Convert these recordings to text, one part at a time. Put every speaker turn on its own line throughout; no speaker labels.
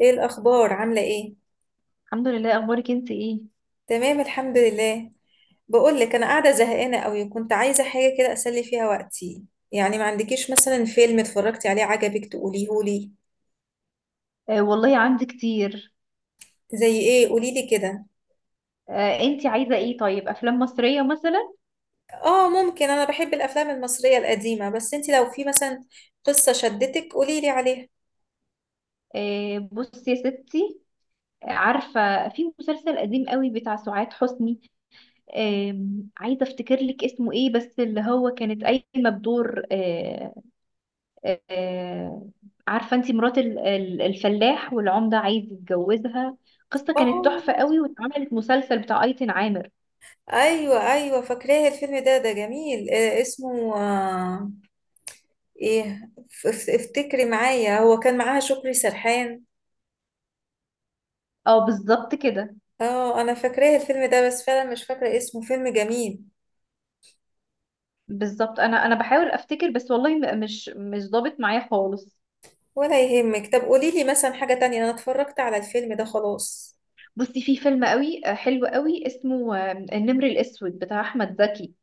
ايه الاخبار؟ عامله ايه؟
الحمد لله. اخبارك انت ايه؟
تمام، الحمد لله. بقول لك، انا قاعده زهقانه قوي، كنت عايزه حاجه كده اسلي فيها وقتي. يعني ما عندكيش مثلا فيلم اتفرجتي عليه عجبك تقوليهولي؟
آه، والله عندي كتير.
زي ايه؟ قولي لي كده.
آه، انت عايزه ايه؟ طيب، افلام مصريه مثلا؟
اه ممكن، انا بحب الافلام المصريه القديمه، بس انت لو في مثلا قصه شدتك قولي لي عليها.
آه، بصي يا ستي. عارفه، في مسلسل قديم قوي بتاع سعاد حسني. آه عايزه افتكر لك اسمه ايه، بس اللي هو كانت قايمه بدور. آه. آه عارفه انت، مرات الفلاح والعمده عايز يتجوزها. قصه كانت
اه،
تحفه قوي، واتعملت مسلسل بتاع ايتن عامر.
ايوه ايوه فاكراه الفيلم ده، ده جميل، اسمه ايه، افتكري معايا، هو كان معاها شكري سرحان.
اه، بالظبط كده.
اه انا فاكراه الفيلم ده، بس فعلا مش فاكرة اسمه، فيلم جميل.
بالظبط، انا بحاول افتكر، بس والله مش ضابط معايا خالص.
ولا يهمك، طب قولي لي مثلا حاجة تانية، انا اتفرجت على الفيلم ده خلاص.
بصي، في فيلم قوي حلو قوي، اسمه النمر الاسود، بتاع احمد زكي.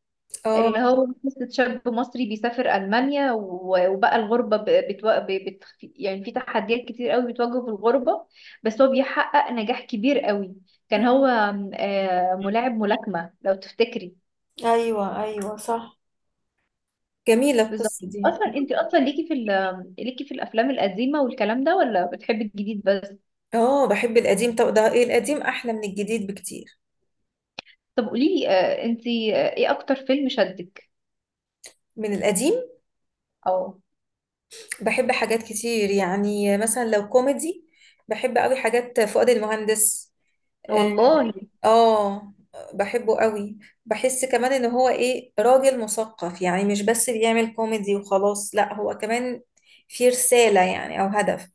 اه،
اللي هو قصة شاب مصري بيسافر المانيا وبقى الغربه يعني في تحديات كتير قوي بتواجهه في الغربه. بس هو بيحقق نجاح كبير قوي. كان هو ملاعب ملاكمه، لو تفتكري.
ايوه ايوه صح، جميلة
بالظبط.
القصة دي.
اصلا انت اصلا، ليكي ليكي في الافلام القديمه والكلام ده، ولا بتحبي الجديد بس؟
اه بحب القديم، طب ده ايه، القديم احلى من الجديد بكتير.
طب، قولي لي، انت ايه اكتر فيلم شدك؟
من القديم.
او.
بحب حاجات كتير، يعني مثلا لو كوميدي بحب قوي حاجات فؤاد المهندس.
والله
اه بحبه قوي، بحس كمان ان هو ايه راجل مثقف، يعني مش بس بيعمل كوميدي وخلاص، لا هو كمان في رسالة يعني او هدف.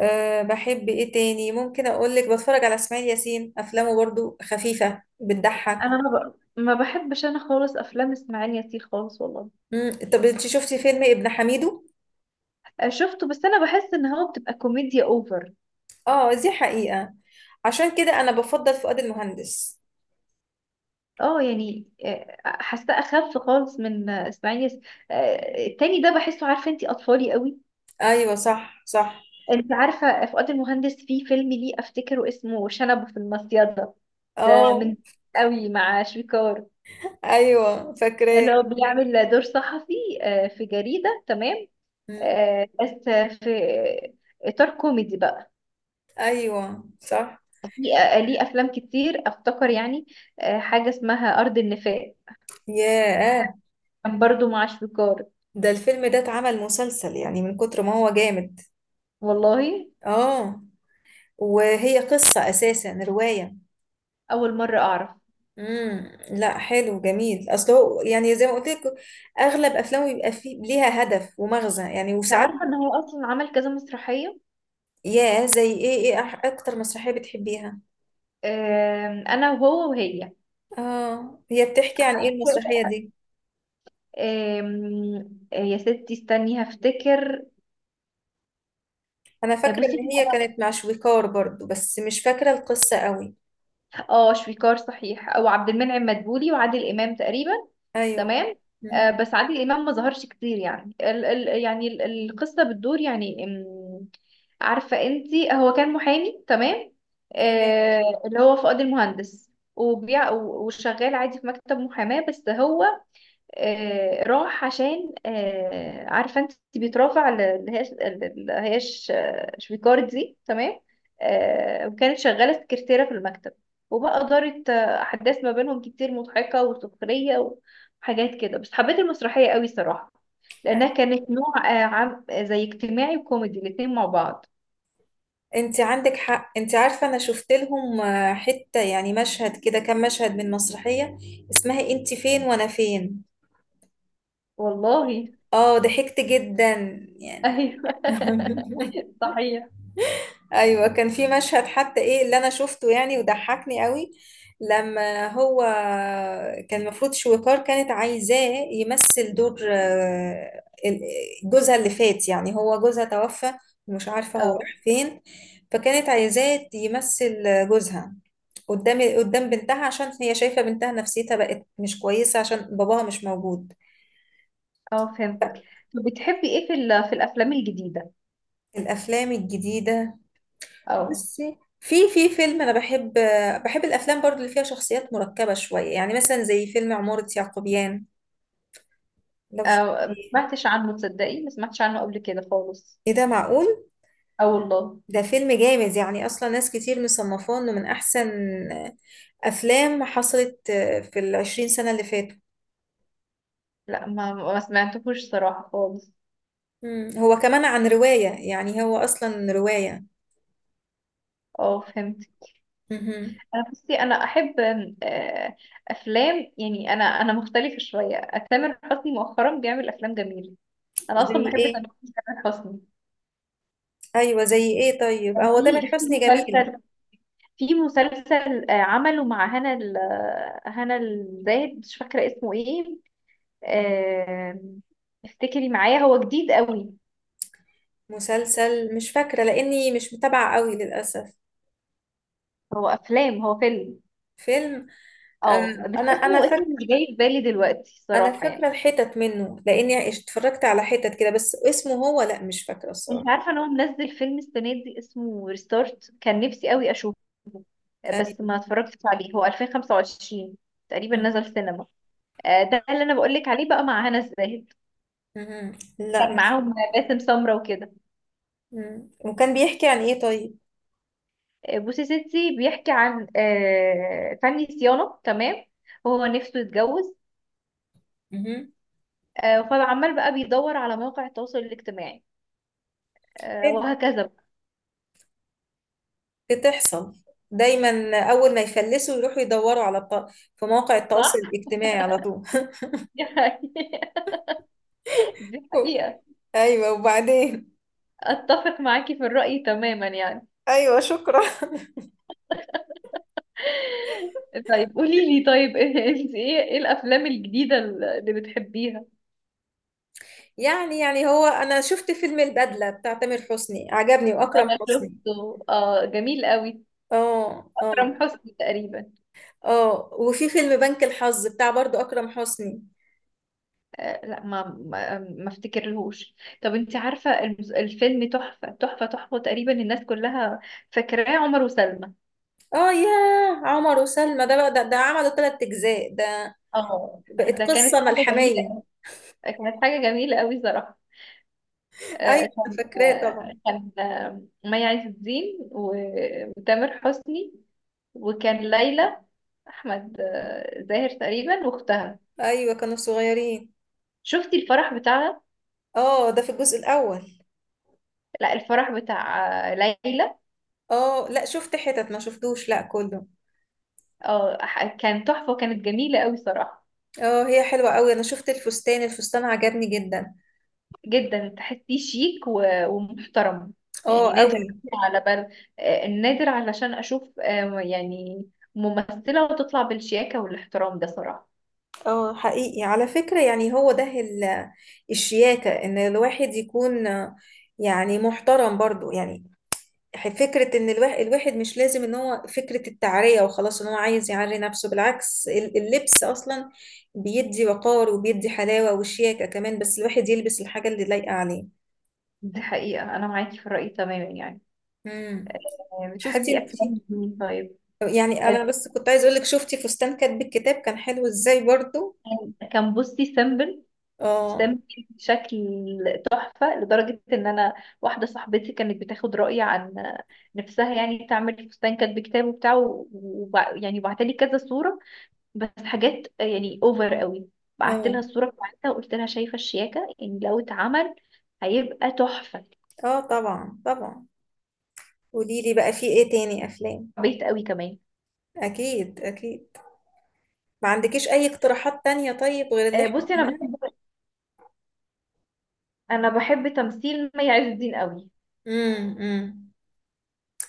بحب ايه تاني، ممكن اقولك بتفرج على اسماعيل ياسين، افلامه برضو خفيفة بتضحك.
انا ما بحبش انا خالص افلام اسماعيل ياسين خالص، والله.
مم. طب انت شفتي فيلم ابن حميدو؟
شفته، بس انا بحس ان هو بتبقى كوميديا اوفر.
اه دي حقيقة، عشان كده انا بفضل فؤاد المهندس.
اه، يعني حاساه اخف خالص من اسماعيل ياسين. التاني ده بحسه، عارفه انت، اطفالي قوي.
ايوه صح صح.
انت عارفه، فؤاد المهندس في فيلم ليه، افتكره اسمه شنب في المصيده. ده
اه
من، قوي، مع شويكار.
ايوه فاكراه.
اللي هو بيعمل دور صحفي في جريده، تمام.
مم.
بس في اطار كوميدي بقى.
ايوه صح.
في ليه افلام كتير، افتكر، يعني حاجه اسمها ارض النفاق.
ياه،
كان برضو مع شويكار.
ده الفيلم ده اتعمل مسلسل، يعني من كتر ما هو جامد.
والله،
اه، وهي قصة اساسا رواية.
اول مره اعرف.
لا حلو جميل، اصل هو يعني زي ما قلت لك اغلب افلامه بيبقى فيه ليها هدف ومغزى، يعني
أنت
وساعات.
عارفه ان هو اصلا عمل كذا مسرحيه؟
يا زي ايه؟ ايه اكتر مسرحية بتحبيها؟
انا وهو وهي.
اه، هي بتحكي عن ايه المسرحية دي؟
يا ستي استني هفتكر.
انا فاكرة ان
بصي.
هي كانت مع شويكار برضو، بس مش فاكرة القصة قوي.
اه، شويكار صحيح، او عبد المنعم مدبولي وعادل امام تقريبا.
ايوه.
تمام.
مهم.
بس عادل امام ما ظهرش كتير، يعني ال ال يعني القصه بتدور، يعني عارفه انت، هو كان محامي، تمام.
تمام.
اللي هو فؤاد المهندس، وشغال عادي في مكتب محاماه، بس هو راح، عشان عارفه انت، بيترافع اللي هي، اللي هي شويكارد دي، تمام. وكانت شغاله سكرتيره في المكتب، وبقى دارت احداث ما بينهم كتير، مضحكه وسخريه وحاجات كده، بس حبيت المسرحيه قوي صراحه، لانها كانت نوع عام زي اجتماعي وكوميدي، الاتنين مع بعض.
انت عندك حق، انت عارفة انا شفت لهم حتة يعني مشهد كده، كام مشهد من مسرحية اسمها انت فين وانا فين.
والله ايوه.
اه ضحكت جدا يعني.
صحيح.
ايوه كان في مشهد حتى ايه اللي انا شفته يعني وضحكني قوي. لما هو كان المفروض شويكار كانت عايزاه يمثل دور جوزها اللي فات، يعني هو جوزها توفى ومش عارفة هو
اه،
راح فين، فكانت عايزاه يمثل جوزها قدام بنتها عشان هي شايفة بنتها نفسيتها بقت مش كويسة عشان باباها مش موجود.
اه، فهمتك. طب، بتحبي ايه في في الافلام الجديده؟
الأفلام الجديدة.
اه.
بصي، في فيلم انا بحب، بحب الافلام برضو اللي فيها شخصيات مركبه شويه، يعني مثلا زي فيلم عماره يعقوبيان لو
أو، ما
شفتيه.
سمعتش عنه، تصدقي، ما سمعتش عنه قبل كده خالص.
ايه ده معقول؟
اه، والله.
ده فيلم جامد، يعني اصلا ناس كتير مصنفاه انه من احسن افلام حصلت في 20 سنه اللي فاتوا.
لا، ما سمعتهوش صراحة خالص.
مم. هو كمان عن روايه، يعني هو اصلا روايه.
اه، فهمت.
مهم.
انا، بصي، انا احب آم، آه، افلام، يعني انا مختلفة شوية. تامر حسني مؤخرا بيعمل افلام جميلة. انا
زي
اصلا بحب
ايه؟
تامر، تامر حسني.
ايوه زي ايه طيب،
كان
هو تامر
في
حسني جميل.
مسلسل، في مسلسل عمله مع هنا هنا الزاهد، مش فاكرة اسمه ايه. آم، افتكري معايا، هو جديد قوي.
مسلسل مش فاكره لاني مش متابعه قوي للاسف.
هو فيلم.
فيلم. آه،
اه، بس
انا انا
اسمه
فاكره،
مش جاي في بالي دلوقتي،
انا
صراحة
فاكره
يعني.
الحتت منه لاني اتفرجت على حتت كده، بس اسمه هو لا مش فاكره الصراحه.
انت عارفة ان هو منزل فيلم السنة دي اسمه ريستارت، كان نفسي قوي اشوفه، بس
أيوة.
ما اتفرجتش عليه. هو 2025 تقريبا
مم.
نزل سينما. ده اللي انا بقولك عليه، بقى مع هنا الزاهد.
مم. لا
كان
مش.
معاهم باسم سمرة وكده.
مم. وكان بيحكي عن ايه طيب؟
بوسي ستي، بيحكي عن فني صيانة، تمام. هو نفسه يتجوز،
مم.
فعمال بقى بيدور على مواقع التواصل الاجتماعي،
حلو.
وهكذا بقى.
بتحصل، دايما اول ما يفلسوا يروحوا يدوروا على في مواقع التواصل
صح؟
الاجتماعي على طول.
دي حقيقة. دي حقيقة.
ايوه وبعدين.
اتفق معاكي في الرأي تماما، يعني.
ايوه شكرا.
طيب، قولي لي، طيب، انت ايه الافلام الجديدة اللي بتحبيها؟
يعني هو انا شفت فيلم البدله بتاع تامر حسني، عجبني واكرم
انا
حسني.
شفته، اه، جميل قوي.
اه اه.
اكرم حسني تقريبا.
اه وفي فيلم بنك الحظ بتاع برضو اكرم حسني.
آه، لا، ما افتكرلهوش. طب، انت عارفة الفيلم تحفة تحفة تحفة، تقريبا الناس كلها فاكراه، عمر وسلمى.
اه يا، عمر وسلمى ده بقى ده عملوا 3 اجزاء، ده
اه،
بقت
ده كانت
قصه
حاجة جميلة.
ملحميه.
كانت حاجة جميلة قوي صراحة. آه،
ايوه أنا
كان
فاكراه
آه،
طبعا.
كان آه، مي عز الدين وتامر حسني. وكان ليلى، احمد زاهر تقريبا، واختها.
ايوه كانوا صغيرين.
شفتي الفرح بتاعها؟
اه ده في الجزء الاول.
لا، الفرح بتاع ليلى.
اه لا شفت حتت ما شفتوش، لا كله.
اه، كان تحفه، وكانت جميله قوي صراحه.
اه هي حلوه قوي، انا شفت الفستان، الفستان عجبني جدا.
جدا، تحسيه شيك ومحترم.
اه
يعني نادر،
قوي.
على بل نادر، علشان اشوف يعني ممثله وتطلع بالشياكه والاحترام ده، صراحه.
اه حقيقي على فكره، يعني هو ده الشياكه، ان الواحد يكون يعني محترم برضو يعني. فكرة إن الواحد مش لازم إن هو فكرة التعرية وخلاص، إن هو عايز يعري نفسه، بالعكس اللبس أصلا بيدي وقار وبيدي حلاوة وشياكة كمان، بس الواحد يلبس الحاجة اللي لايقة عليه.
دي حقيقة، أنا معاكي في الرأي تماما يعني.
امم. شفتي
بتحبي أفلام
انتي،
مين طيب؟
يعني
آه،
أنا بس كنت عايز أقولك، شفتي فستان كاتب الكتاب كان حلو إزاي برضو.
كان بصي، سمبل
آه
سمك بشكل تحفة، لدرجة إن أنا، واحدة صاحبتي، كانت بتاخد رأيي عن نفسها، يعني تعمل فستان كاتب كتاب وبتاع يعني بعتلي كذا صورة، بس حاجات يعني أوفر قوي. بعت لها
آه
الصورة بتاعتها، وقلت لها شايفة الشياكة، يعني لو اتعمل هيبقى تحفة.
آه طبعا طبعا. قوليلي بقى، في إيه تاني أفلام؟
بيت قوي كمان.
أكيد أكيد. ما عندكيش أي اقتراحات تانية طيب غير اللي إحنا
بصي، أنا
قلناها؟
بحب، أنا بحب تمثيل مي عز الدين قوي،
امم.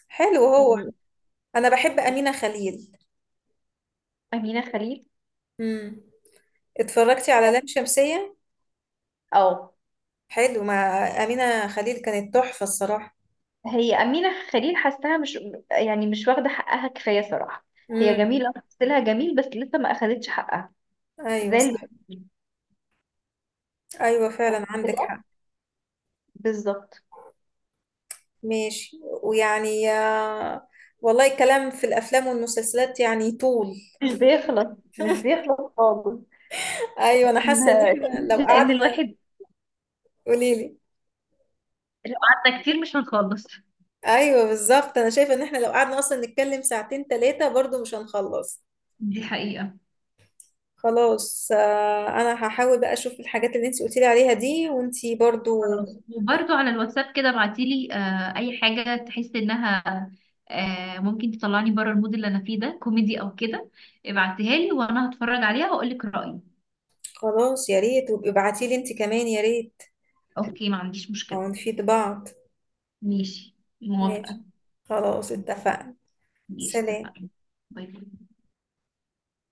حلو هو.
يعني.
انا بحب امينة خليل.
أمينة خليل.
امم. اتفرجتي على لام شمسية؟
اه،
حلو مع امينة خليل، كانت تحفة الصراحة.
هي أمينة خليل، حاساها مش، يعني مش واخدة حقها كفاية صراحة. هي
امم.
جميلة، تمثيلها جميل، بس لسه ما أخدتش حقها،
ايوه
زي اللي،
صح. ايوه فعلا عندك حق.
بالظبط.
ماشي. ويعني والله الكلام في الافلام والمسلسلات يعني طول.
مش بيخلص، مش بيخلص خالص.
ايوه انا
كان-
حاسه ان
كان-
احنا لو
لأن
قعدنا.
الواحد
قولي لي.
لو قعدنا كتير مش هنخلص.
ايوه بالظبط، انا شايفه ان احنا لو قعدنا اصلا نتكلم ساعتين ثلاثه برضو مش هنخلص.
دي حقيقة.
خلاص انا هحاول بقى اشوف الحاجات اللي انت قلتي لي عليها دي وانت برضو.
خلاص، وبرضو على الواتساب كده، ابعتيلي أي حاجة تحسي إنها ممكن تطلعني بره المود اللي أنا فيه، ده كوميدي أو كده، ابعتيها لي وأنا هتفرج عليها وأقولك رأيي.
خلاص يا ريت، وابقي ابعتيلي انت كمان يا ريت.
أوكي، ما عنديش مشكلة.
او نفيد بعض.
ماشي، موافقة.
ماشي. خلاص اتفقنا.
ماشي،
سلام.
اتفقنا. باي باي.